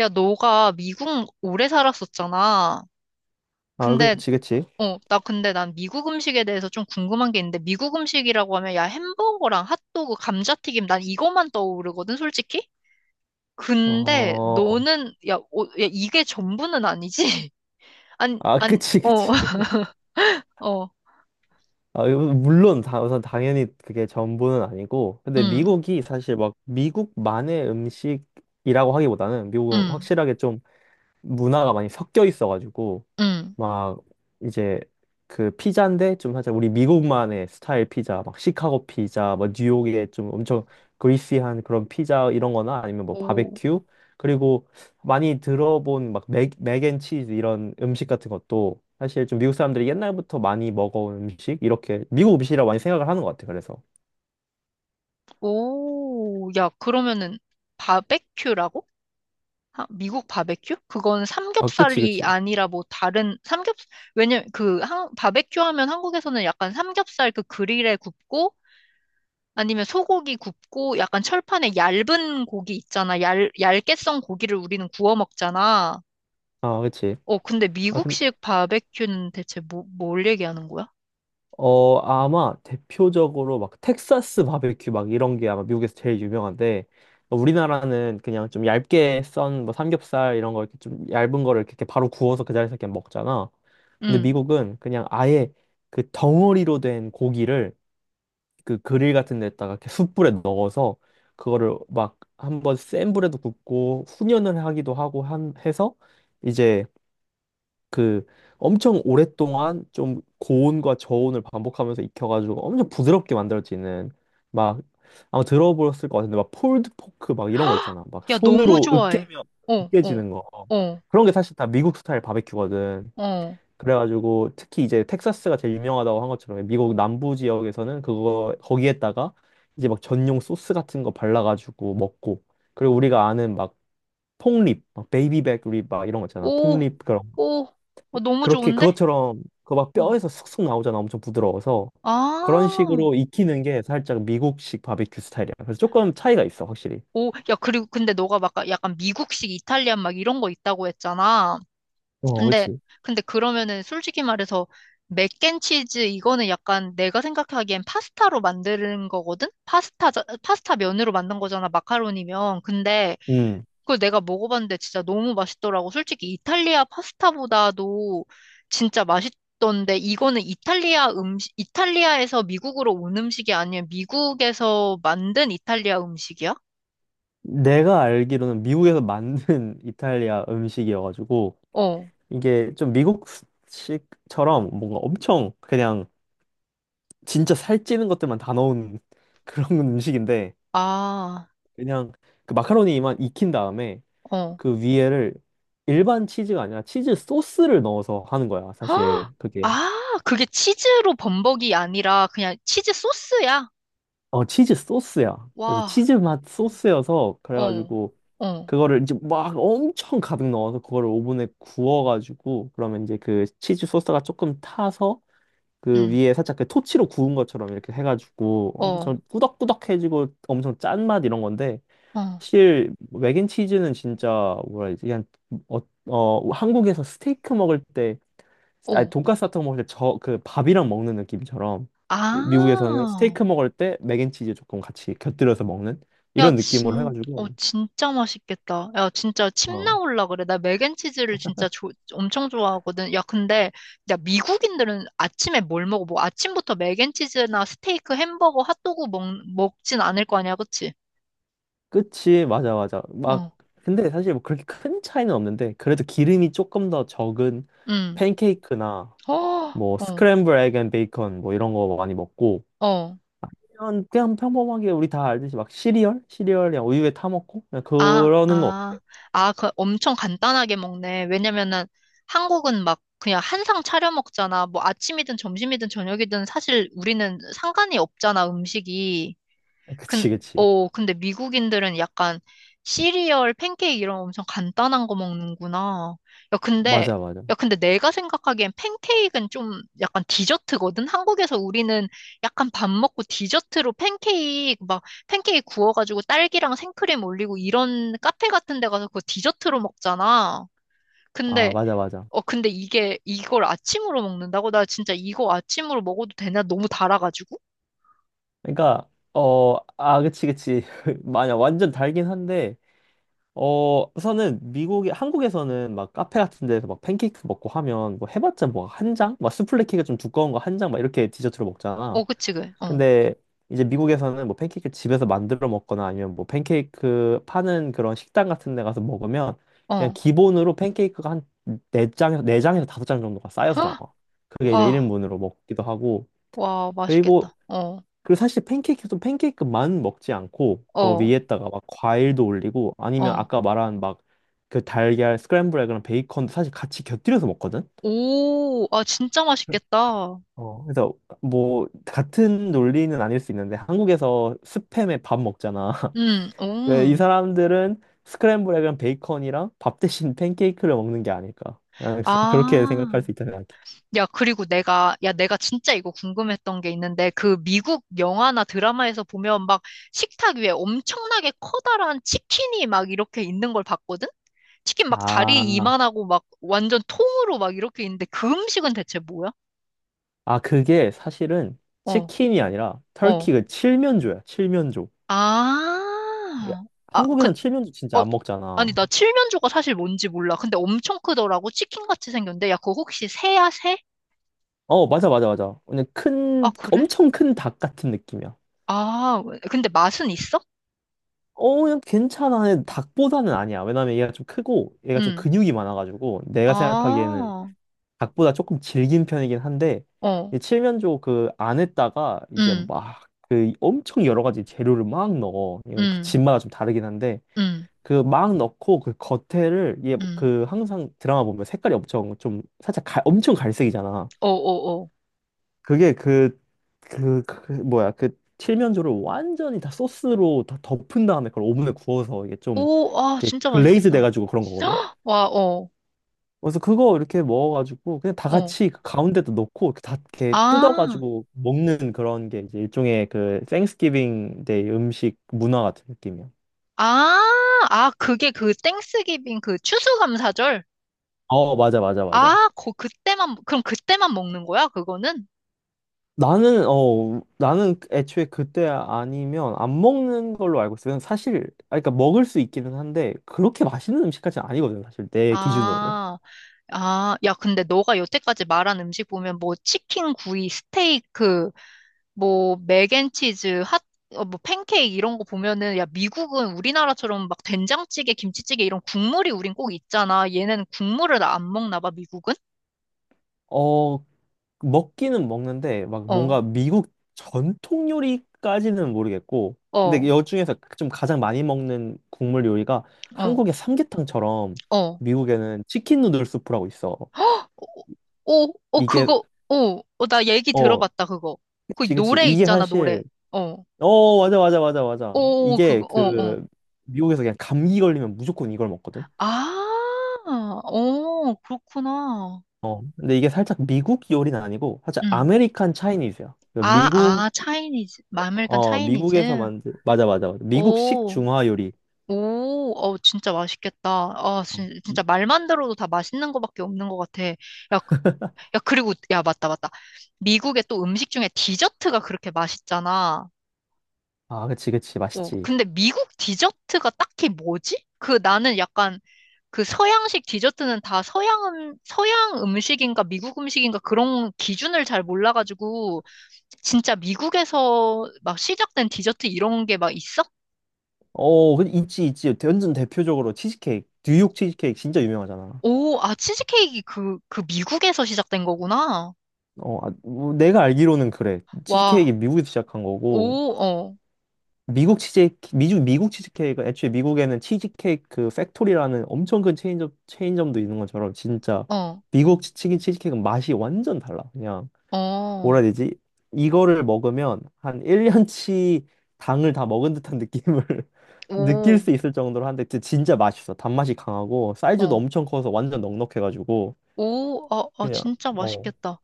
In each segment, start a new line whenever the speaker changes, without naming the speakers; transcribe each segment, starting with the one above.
야, 너가 미국 오래 살았었잖아.
아,
근데,
그치, 그치.
나 근데 난 미국 음식에 대해서 좀 궁금한 게 있는데, 미국 음식이라고 하면, 야, 햄버거랑 핫도그, 감자튀김, 난 이것만 떠오르거든, 솔직히? 근데
어,
너는, 야, 야, 이게 전부는 아니지? 안,
아,
안,
그치, 그치.
어,
아, 이거 물론, 우선 당연히 그게 전부는 아니고. 근데
음,
미국이 사실 막 미국만의 음식이라고 하기보다는 미국은
음,
확실하게 좀 문화가 많이 섞여 있어가지고.
음.
막 이제 그 피자인데 좀 살짝 우리 미국만의 스타일 피자, 막 시카고 피자, 뭐 뉴욕의 좀 엄청 그리시한 그런 피자 이런 거나 아니면 뭐
오,
바베큐 그리고 많이 들어본 막 맥앤치즈 이런 음식 같은 것도 사실 좀 미국 사람들이 옛날부터 많이 먹어온 음식 이렇게 미국 음식이라고 많이 생각을 하는 것 같아. 그래서
오, 야, 그러면은, 바베큐라고? 아, 미국 바베큐? 그건
아 그치
삼겹살이
그치
아니라 뭐 다른 삼겹 왜냐면 그 한, 바베큐 하면 한국에서는 약간 삼겹살 그 그릴에 굽고 아니면 소고기 굽고 약간 철판에 얇은 고기 있잖아. 얇게 썬 고기를 우리는 구워 먹잖아.
아 그치
어, 근데
아, 근
미국식 바베큐는 대체 뭘 얘기하는 거야?
아마 대표적으로 막 텍사스 바베큐 막 이런 게 아마 미국에서 제일 유명한데 어, 우리나라는 그냥 좀 얇게 썬뭐 삼겹살 이런 거 이렇게 좀 얇은 거를 이렇게 바로 구워서 그 자리에서 그냥 먹잖아. 근데
응.
미국은 그냥 아예 그 덩어리로 된 고기를 그 그릴 같은 데다가 이렇게 숯불에 넣어서 그거를 막 한번 센 불에도 굽고 훈연을 하기도 하고 한 해서 이제 그 엄청 오랫동안 좀 고온과 저온을 반복하면서 익혀가지고 엄청 부드럽게 만들어지는 막 아마 들어보셨을 것 같은데 막 폴드 포크 막 이런 거 있잖아. 막
야, 너무
손으로
좋아해.
으깨면
어, 어,
으깨지는 거.
어,
그런 게 사실 다 미국 스타일 바베큐거든.
어.
그래가지고 특히 이제 텍사스가 제일 유명하다고 한 것처럼 미국 남부 지역에서는 그거 거기에다가 이제 막 전용 소스 같은 거 발라가지고 먹고 그리고 우리가 아는 막 폭립, 막 베이비백 립 막 이런 거 있잖아.
오,
폭립 그런
오. 어, 너무
그렇게
좋은데?
그것처럼 그 막
응.
뼈에서 쑥쑥 나오잖아. 엄청 부드러워서 그런
아.
식으로 익히는 게 살짝 미국식 바베큐 스타일이야. 그래서 조금 차이가 있어, 확실히.
오, 야, 그리고 근데 너가 막 약간 미국식 이탈리안 막 이런 거 있다고 했잖아.
어,
근데,
그치.
근데 그러면은 솔직히 말해서 맥앤치즈 이거는 약간 내가 생각하기엔 파스타로 만드는 거거든? 파스타, 파스타 면으로 만든 거잖아, 마카로니면. 근데
음.
그걸 내가 먹어봤는데 진짜 너무 맛있더라고. 솔직히 이탈리아 파스타보다도 진짜 맛있던데 이거는 이탈리아 음식, 이탈리아에서 미국으로 온 음식이 아니면 미국에서 만든 이탈리아 음식이야?
내가 알기로는 미국에서 만든 이탈리아 음식이어가지고
어.
이게 좀 미국식처럼 뭔가 엄청 그냥 진짜 살찌는 것들만 다 넣은 그런 음식인데
아,
그냥 그 마카로니만 익힌 다음에
어.
그 위에를 일반 치즈가 아니라 치즈 소스를 넣어서 하는 거야, 사실.
헉!
그게
아, 그게 치즈로 범벅이 아니라 그냥 치즈 소스야?
어, 치즈 소스야. 그래서
와,
치즈 맛 소스여서,
어,
그래가지고,
어,
그거를 이제 막 엄청 가득 넣어서, 그거를 오븐에 구워가지고, 그러면 이제 그 치즈 소스가 조금 타서, 그
음,
위에 살짝 그 토치로 구운 것처럼 이렇게 해가지고,
어,
엄청 꾸덕꾸덕해지고, 엄청 짠 맛 이런 건데,
어,
사실, 뭐 맥앤치즈는 진짜, 뭐라 해야 되지? 그냥, 어, 한국에서 스테이크 먹을 때, 아니
어.
돈까스 같은 거 먹을 때 저 그 밥이랑 먹는 느낌처럼 미국에서는
아,
스테이크 먹을 때 맥앤치즈 조금 같이 곁들여서 먹는
야,
이런 느낌으로
어,
해가지고
진짜 맛있겠다. 야, 진짜 침
어
나올라 그래. 나 맥앤치즈를 진짜 엄청 좋아하거든. 야, 근데, 야, 미국인들은 아침에 뭘 먹어? 뭐, 아침부터 맥앤치즈나 스테이크, 햄버거, 핫도그 먹진 않을 거 아니야, 그치?
그치 맞아 맞아 막
어,
근데 사실 뭐 그렇게 큰 차이는 없는데 그래도 기름이 조금 더 적은
음,
팬케이크나
어,
뭐
어.
스크램블 에그 앤 베이컨 뭐 이런 거 많이 먹고
어.
그냥 평범하게 우리 다 알듯이 막 시리얼 그냥 우유에 타 먹고 그냥
아,
그러는 거
아, 아, 그 엄청 간단하게 먹네. 왜냐면은 한국은 막 그냥 한상 차려 먹잖아. 뭐 아침이든 점심이든 저녁이든 사실 우리는 상관이 없잖아, 음식이. 근,
그치 그치
어, 근데 미국인들은 약간 시리얼, 팬케이크 이런 엄청 간단한 거 먹는구나. 야, 근데,
맞아 맞아
야, 근데 내가 생각하기엔 팬케이크는 좀 약간 디저트거든? 한국에서 우리는 약간 밥 먹고 디저트로 팬케이크, 막 팬케이크 구워가지고 딸기랑 생크림 올리고 이런 카페 같은 데 가서 그거 디저트로 먹잖아.
아
근데,
맞아 맞아
어, 근데 이걸 아침으로 먹는다고? 나 진짜 이거 아침으로 먹어도 되나? 너무 달아가지고?
그러니까 어, 아, 그치, 그치. 만약 완전 달긴 한데, 어, 우선은 미국에, 한국에서는 막 카페 같은 데서 막 팬케이크 먹고 하면 뭐 해봤자 뭐 한 장? 막 수플레 케이크가 좀 두꺼운 거 한 장 막 이렇게 디저트로 먹잖아.
어, 그치, 그, 어,
근데 이제 미국에서는 뭐 팬케이크 집에서 만들어 먹거나 아니면 뭐 팬케이크 파는 그런 식당 같은 데 가서 먹으면 그냥
어.
기본으로 팬케이크가 한 네장에서네장에서 다섯 장 정도가 쌓여서 나와.
헉,
그게 이제
와.
1인분으로 먹기도 하고,
와,
그리고
맛있겠다. 어,
그리고 사실 팬케이크도 팬케이크만 먹지 않고 그
어,
위에다가 막 과일도 올리고 아니면
어.
아까 말한 막 그 달걀 스크램블 에그랑 베이컨도 사실 같이 곁들여서 먹거든.
오, 아, 진짜 맛있겠다.
어, 그래서 뭐 같은 논리는 아닐 수 있는데 한국에서 스팸에 밥 먹잖아. 그이
오.
사람들은 스크램블 에그랑 베이컨이랑 밥 대신 팬케이크를 먹는 게 아닐까. 아, 그렇게
아,
생각할 수 있다 생각해.
야, 그리고 야, 내가 진짜 이거 궁금했던 게 있는데, 그 미국 영화나 드라마에서 보면 막 식탁 위에 엄청나게 커다란 치킨이 막 이렇게 있는 걸 봤거든? 치킨 막 다리
아,
이만하고 막 완전 통으로 막 이렇게 있는데, 그 음식은 대체 뭐야?
아, 그게 사실은
어,
치킨이 아니라
어.
터키 그 칠면조야. 칠면조. 야,
아, 아, 그,
한국에선 칠면조 진짜
어,
안
아니,
먹잖아.
나 칠면조가 사실 뭔지 몰라. 근데 엄청 크더라고. 치킨같이 생겼는데. 야, 그거 혹시 새야, 새?
어, 맞아, 맞아, 맞아. 그냥
아,
큰,
그래?
엄청 큰 닭 같은 느낌이야.
아, 근데 맛은 있어?
어, 그냥 괜찮아. 근데 닭보다는 아니야. 왜냐면 얘가 좀 크고, 얘가 좀
응.
근육이 많아가지고, 내가 생각하기에는
아,
닭보다 조금 질긴 편이긴 한데,
어,
이 칠면조 그 안에다가 이제
응,
막 그 엄청 여러 가지 재료를 막 넣어. 이건 그
응,
집마다 좀 다르긴 한데,
응,
그 막 넣고 그 겉에를 얘
응.
그 항상 드라마 보면 색깔이 엄청 좀 살짝 갈- 엄청 갈색이잖아.
어, 어, 어.
그게 그 뭐야 그 칠면조를 완전히 다 소스로 다 덮은 다음에 그걸 오븐에 구워서 이게 좀
오, 아,
이렇게
진짜
글레이즈
맛있겠다.
돼가지고 그런 거거든.
와, 어,
그래서 그거 이렇게 먹어가지고 그냥 다
어.
같이 그 가운데도 넣고 이렇게 다 이렇게
아,
뜯어가지고 먹는 그런 게 이제 일종의 그 땡스기빙 데이 음식 문화 같은 느낌이야.
아, 아, 그게 그 땡스기빙 그 추수감사절?
어 맞아 맞아 맞아.
아, 그때만, 그럼 그때만 먹는 거야, 그거는?
나는 애초에 그때 아니면 안 먹는 걸로 알고 있어요. 사실 아 그러니까 먹을 수 있기는 한데 그렇게 맛있는 음식까지는 아니거든요. 사실 내 기준으로는
아. 아, 야, 근데 너가 여태까지 말한 음식 보면 뭐 치킨, 구이, 스테이크, 그 뭐 맥앤치즈, 핫, 어, 뭐 팬케이크 이런 거 보면은 야, 미국은 우리나라처럼 막 된장찌개, 김치찌개 이런 국물이 우린 꼭 있잖아. 얘네는 국물을 안 먹나 봐, 미국은?
어 먹기는 먹는데 막
어,
뭔가 미국 전통 요리까지는 모르겠고 근데
어,
여 중에서 좀 가장 많이 먹는 국물 요리가
어,
한국의 삼계탕처럼
어.
미국에는 치킨 누들 수프라고 있어.
오, 어, 어,
이게
그거, 오, 어, 나 얘기
어
들어봤다, 그거. 그
그치 그치
노래
이게
있잖아, 노래.
사실
어,
어, 맞아, 맞아, 맞아, 맞아.
오,
이게
그거, 어, 어.
그 미국에서 그냥 감기 걸리면 무조건 이걸 먹거든.
아, 어, 그렇구나.
어. 근데 이게 살짝 미국 요리는 아니고 살짝
응.
아메리칸 차이니즈야. 그
아,
미국
아, 차이니즈. 마늘간
어 미국에서
차이니즈?
만든 맞아, 맞아, 맞아. 미국식
오,
중화 요리.
오, 어, 진짜 맛있겠다. 아,
어.
진짜 말만 들어도 다 맛있는 거밖에 없는 것 같아. 야, 야, 그리고, 야, 맞다, 맞다. 미국의 또 음식 중에 디저트가 그렇게 맛있잖아.
아, 그치, 그치,
어,
맛있지.
근데 미국 디저트가 딱히 뭐지? 그 나는 약간 그 서양식 디저트는 다 서양, 서양 음식인가 미국 음식인가 그런 기준을 잘 몰라가지고 진짜 미국에서 막 시작된 디저트 이런 게 막 있어?
어, 그 있지, 있지. 완전 대표적으로 치즈케이크, 뉴욕 치즈케이크 진짜 유명하잖아.
오, 아, 치즈케이크 그 미국에서 시작된 거구나.
어, 아, 뭐 내가 알기로는 그래. 치즈케이크
와,
미국에서 시작한 거고.
오, 어,
미국 치즈케이크가 애초에 미국에는 치즈케이크 그 팩토리라는 엄청 큰 체인점도 있는 것처럼 진짜
어,
미국 치킨 치즈케이크는 맛이 완전 달라. 그냥 뭐라
어,
해야 되지? 이거를 먹으면 한 1년치 당을 다 먹은 듯한 느낌을 느낄
오,
수 있을 정도로 한데 진짜 맛있어. 단맛이 강하고 사이즈도
어,
엄청 커서 완전 넉넉해가지고
오, 아, 아,
그냥
진짜
어
맛있겠다.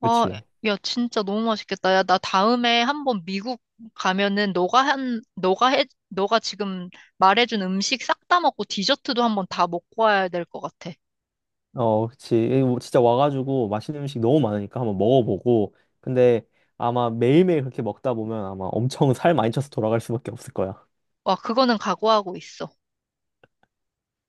아,
그치.
야, 진짜 너무 맛있겠다. 야, 나 다음에 한번 미국 가면은 너가 너가 너가 지금 말해준 음식 싹 다 먹고 디저트도 한번 다 먹고 와야 될 것 같아.
어, 그치. 이 뭐 진짜 와가지고 맛있는 음식 너무 많으니까 한번 먹어보고. 근데 아마 매일매일 그렇게 먹다 보면 아마 엄청 살 많이 쪄서 돌아갈 수밖에 없을 거야.
와, 그거는 각오하고 있어.